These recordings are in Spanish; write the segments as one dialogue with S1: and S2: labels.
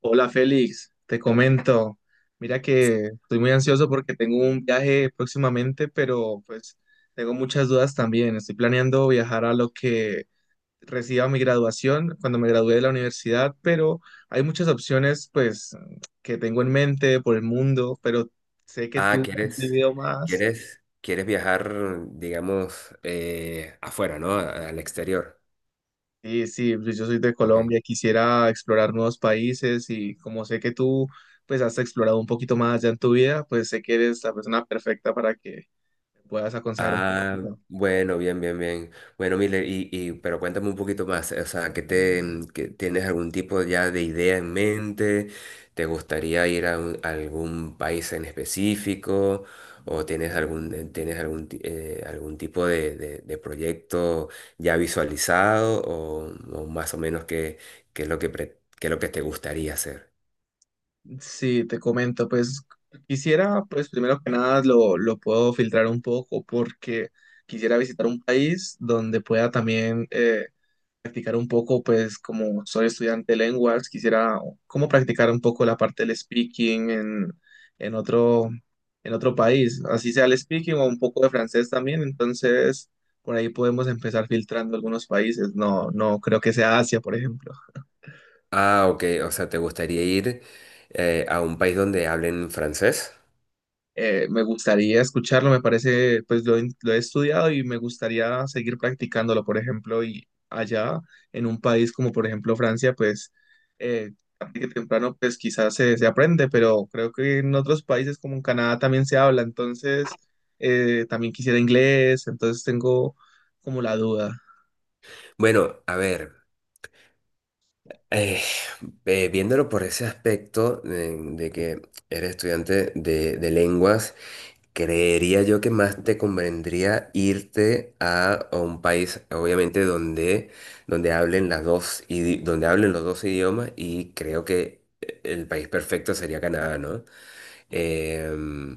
S1: Hola Félix, te comento. Mira que estoy muy ansioso porque tengo un viaje próximamente, pero pues tengo muchas dudas también. Estoy planeando viajar a lo que reciba mi graduación cuando me gradúe de la universidad, pero hay muchas opciones, pues, que tengo en mente por el mundo, pero sé que
S2: Ah,
S1: tú has vivido más.
S2: quieres viajar, digamos, afuera, ¿no? Al exterior.
S1: Sí, sí, pues, yo soy de
S2: Ok.
S1: Colombia, quisiera explorar nuevos países y como sé que tú pues has explorado un poquito más ya en tu vida, pues sé que eres la persona perfecta para que puedas aconsejar un poco,
S2: Ah,
S1: ¿no?
S2: bueno, bien, bien, bien. Bueno, Miller, y pero cuéntame un poquito más, o sea, ¿qué te, mm, qué- ¿tienes algún tipo ya de idea en mente? ¿Te gustaría ir a algún país en específico? ¿O tienes tienes algún tipo de proyecto ya visualizado? O más o menos qué, qué es lo que, pre- qué es lo que te gustaría hacer?
S1: Sí, te comento, pues quisiera, pues primero que nada lo puedo filtrar un poco porque quisiera visitar un país donde pueda también practicar un poco, pues como soy estudiante de lenguas, quisiera como practicar un poco la parte del speaking en otro, en otro país, así sea el speaking o un poco de francés también, entonces por ahí podemos empezar filtrando algunos países, no, no creo que sea Asia, por ejemplo.
S2: Ah, ok, o sea, ¿te gustaría ir a un país donde hablen francés?
S1: Me gustaría escucharlo, me parece, pues lo he estudiado y me gustaría seguir practicándolo, por ejemplo, y allá en un país como por ejemplo Francia, pues eh, tarde que temprano, pues quizás se aprende, pero creo que en otros países como en Canadá también se habla, entonces también quisiera inglés, entonces tengo como la duda.
S2: Bueno, a ver. Eh, Viéndolo por ese aspecto de, que eres estudiante de lenguas, creería yo que más te convendría irte a un país, obviamente, donde, donde hablen las dos, idi- donde hablen los dos idiomas, y creo que el país perfecto sería Canadá, ¿no? Em,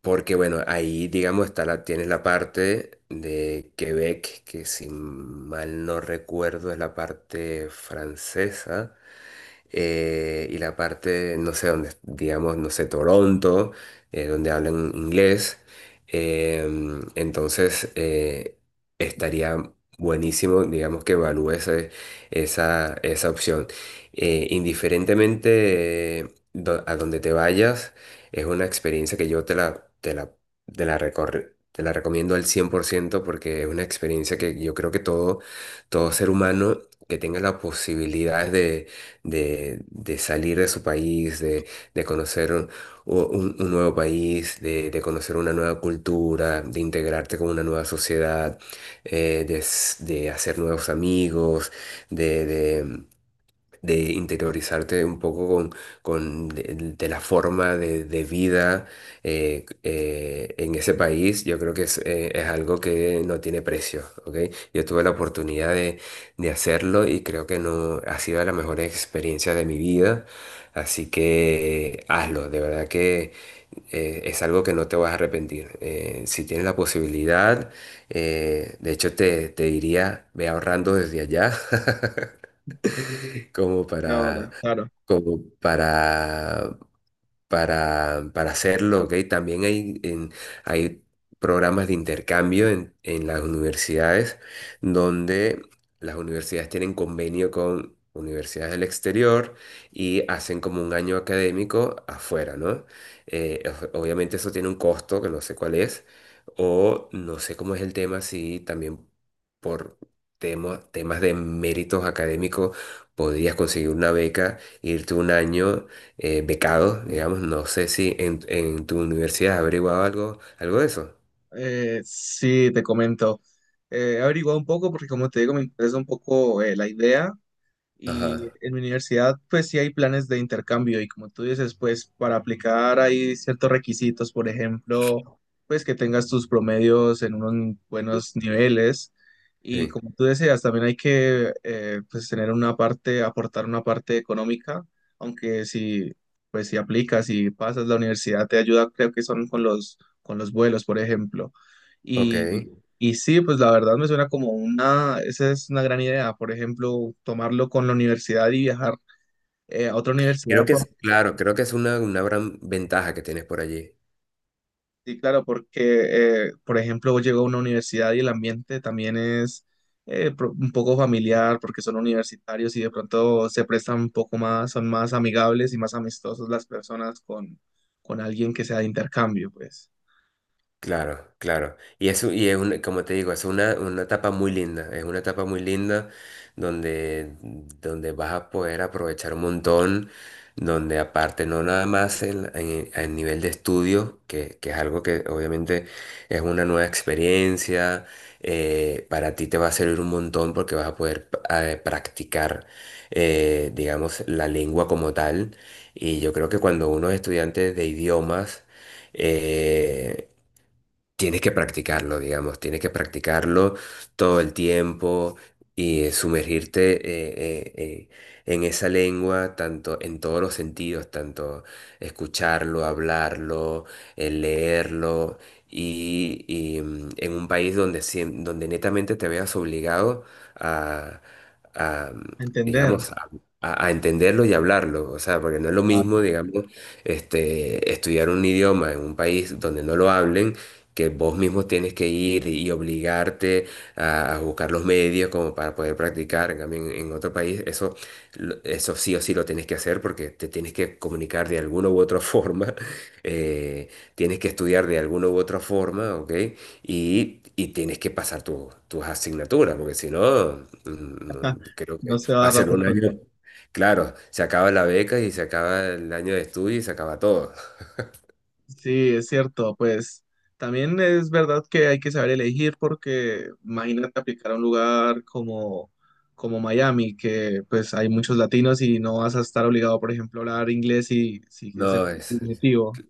S2: Porque bueno, ahí digamos tienes la parte de Quebec, que si mal no recuerdo es la parte francesa y la parte, no sé, donde, digamos, no sé, Toronto, donde hablan inglés. Entonces, estaría buenísimo, digamos, que evalúes esa, esa opción. Indiferentemente a donde te vayas, es una experiencia que yo te la recomiendo al cien por ciento, porque es una experiencia que yo creo que todo, todo ser humano que tenga la posibilidad de salir de su país, de, de conocer un, un nuevo país, de conocer una nueva cultura, de integrarte con una nueva sociedad, de hacer nuevos amigos, de interiorizarte un poco con, de la forma de vida en ese país. Yo creo que es algo que no tiene precio, ¿ok? Yo tuve la oportunidad de hacerlo y creo que no ha sido la mejor experiencia de mi vida, así que hazlo, de verdad que es algo que no te vas a arrepentir. Si tienes la posibilidad, de hecho te diría, ve ahorrando desde allá. como para,
S1: Ahora, claro.
S2: como para, para hacerlo, ¿ok? Hay programas de intercambio en las universidades donde las universidades tienen convenio con universidades del exterior, y hacen como un año académico afuera, ¿no? Eh, Obviamente, eso tiene un costo que no sé cuál es, o no sé cómo es el tema, si también por... temas de méritos académicos, podrías conseguir una beca, irte un año becados, digamos. No sé si en tu universidad has averiguado algo, algo de eso.
S1: Sí, te comento. He averiguado un poco porque como te digo, me interesa un poco, la idea. Y
S2: Ajá,
S1: en mi universidad, pues sí hay planes de intercambio y como tú dices, pues para aplicar hay ciertos requisitos. Por ejemplo, pues que tengas tus promedios en unos buenos niveles y
S2: sí,
S1: como tú decías, también hay que, pues, tener una parte, aportar una parte económica, aunque si aplicas y pasas la universidad te ayuda, creo que son con los vuelos, por ejemplo.
S2: ok.
S1: Y sí, pues la verdad me suena como una, esa es una gran idea, por ejemplo, tomarlo con la universidad y viajar a otra
S2: Creo
S1: universidad.
S2: que es, claro, creo que es una gran ventaja que tienes por allí.
S1: Sí, claro, porque, por ejemplo, llego a una universidad y el ambiente también es un poco familiar, porque son universitarios y de pronto se prestan un poco más, son más amigables y más amistosos las personas con alguien que sea de intercambio, pues.
S2: Claro, claro. Y es un... como te digo, es una etapa muy linda. Es una etapa muy linda donde, donde vas a poder aprovechar un montón, donde aparte no nada más a nivel de estudio, que es algo que obviamente es una nueva experiencia, para ti te va a servir un montón, porque vas a poder practicar, digamos, la lengua como tal. Y yo creo que cuando uno es estudiante de idiomas, eh, tienes que practicarlo, digamos, tienes que practicarlo todo el tiempo, y sumergirte en esa lengua, tanto en todos los sentidos, tanto escucharlo, hablarlo, leerlo, y en un país donde netamente te veas obligado a, a, mm,
S1: Entender,
S2: digamos, a, a entenderlo y hablarlo, o sea, porque no es lo mismo,
S1: claro.
S2: digamos, este, estudiar un idioma en un país donde no lo hablen, que vos mismo tienes que ir y obligarte a buscar los medios como para poder practicar. En cambio, en otro país, eso, eso sí o sí lo tienes que hacer, porque te tienes que comunicar de alguna u otra forma, eh, tienes que estudiar de alguna u otra forma, ¿ok? Y tienes que pasar tus asignaturas, porque si no, no, creo
S1: No
S2: que
S1: se va a
S2: va a
S1: dar la
S2: ser un año.
S1: oportunidad.
S2: Claro, se acaba la beca y se acaba el año de estudio y se acaba todo.
S1: Sí, es cierto, pues también es verdad que hay que saber elegir porque imagínate aplicar a un lugar como, como Miami, que pues hay muchos latinos y no vas a estar obligado, por ejemplo, a hablar inglés, y si ese es
S2: No,
S1: tu
S2: es.
S1: objetivo.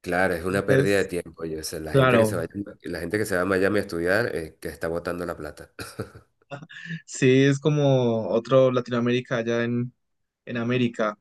S2: Claro, es una pérdida de
S1: Entonces,
S2: tiempo. Oye, o sea, la gente que
S1: claro,
S2: se vaya, la gente que se va a Miami a estudiar, que está botando la plata.
S1: sí es como otro Latinoamérica allá en América,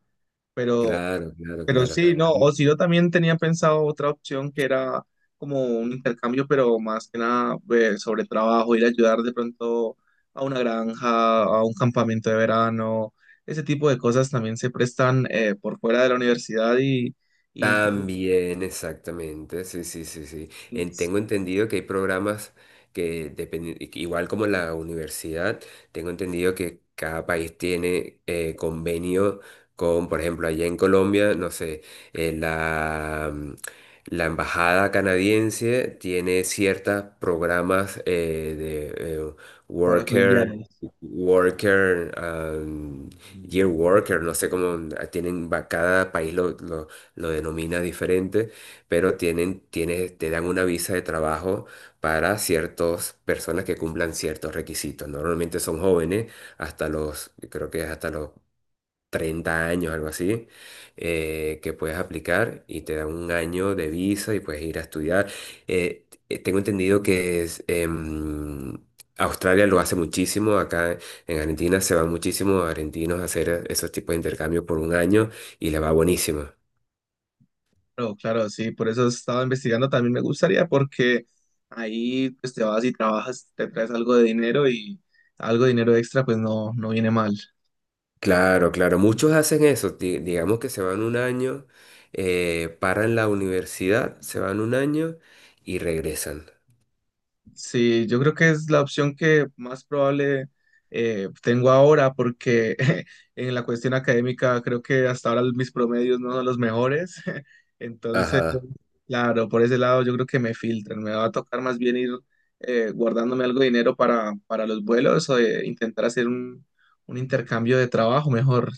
S1: pero
S2: Claro, claro,
S1: Pero
S2: claro.
S1: sí, no, o si yo también tenía pensado otra opción que era como un intercambio, pero más que nada, sobre trabajo, ir a ayudar de pronto a una granja, a un campamento de verano, ese tipo de cosas también se prestan por fuera de la universidad y incluso
S2: También, exactamente, sí, sí, sí, sí. Tengo entendido que hay programas que dependen, igual como la universidad, tengo entendido que cada país tiene convenio con, por ejemplo, allá en Colombia, no sé, eh, la, mm, la embajada canadiense tiene ciertos programas de
S1: para
S2: worker.
S1: colombianos.
S2: Worker, Year Worker, no sé cómo ah, tienen, cada país lo denomina diferente, pero tiene, te dan una visa de trabajo para ciertas personas que cumplan ciertos requisitos. Normalmente son jóvenes, hasta los, creo que es hasta los 30 años, algo así, que puedes aplicar y te dan un año de visa y puedes ir a estudiar. Tengo entendido que Australia lo hace muchísimo, acá en Argentina se van muchísimos argentinos a hacer esos tipos de intercambios por un año y les va buenísimo.
S1: Claro, claro, sí, por eso estaba investigando, también me gustaría porque ahí pues te vas y trabajas, te traes algo de dinero y algo de dinero extra pues no, no viene mal.
S2: Claro, claro, muchos hacen eso, digamos que se van un año, paran la universidad, se van un año y regresan.
S1: Sí, yo creo que es la opción que más probable tengo ahora porque en la cuestión académica creo que hasta ahora mis promedios no son los mejores. Entonces,
S2: Ajá.
S1: claro, por ese lado yo creo que me filtran. Me va a tocar más bien ir guardándome algo de dinero para los vuelos o intentar hacer un intercambio de trabajo mejor.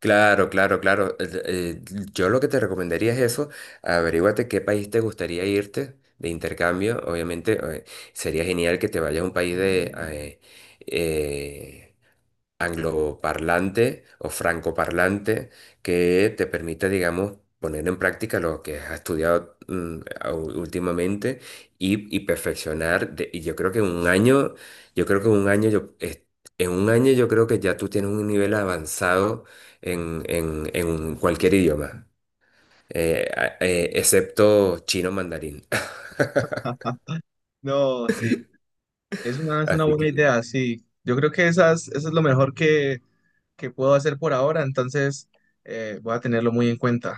S2: Claro, claro, claro. Yo lo que te recomendaría es eso, averíguate qué país te gustaría irte de intercambio. Obviamente, sería genial que te vayas a un país eh, angloparlante o francoparlante, que te permita, digamos, poner en práctica lo que has estudiado últimamente, y perfeccionar. Y yo creo que en un año, yo creo que en un año yo, es- en un año yo creo que ya tú tienes un nivel avanzado en cualquier idioma, excepto chino mandarín.
S1: No, sí, es una
S2: Así que
S1: buena idea, sí. Yo creo que esas, eso es lo mejor que puedo hacer por ahora, entonces voy a tenerlo muy en cuenta.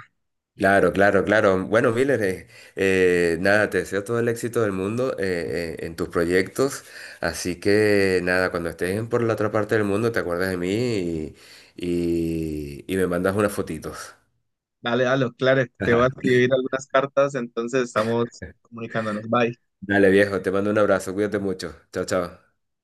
S2: claro, claro, claro. Bueno, Miller, nada, te deseo todo el éxito del mundo en tus proyectos. Así que nada, cuando estés en por la otra parte del mundo, te acuerdas de mí y me mandas unas fotitos.
S1: Dale, dale, claro, te voy a escribir algunas cartas, entonces estamos comunicándonos. Bye.
S2: Dale, viejo, te mando un abrazo, cuídate mucho. Chao, chao.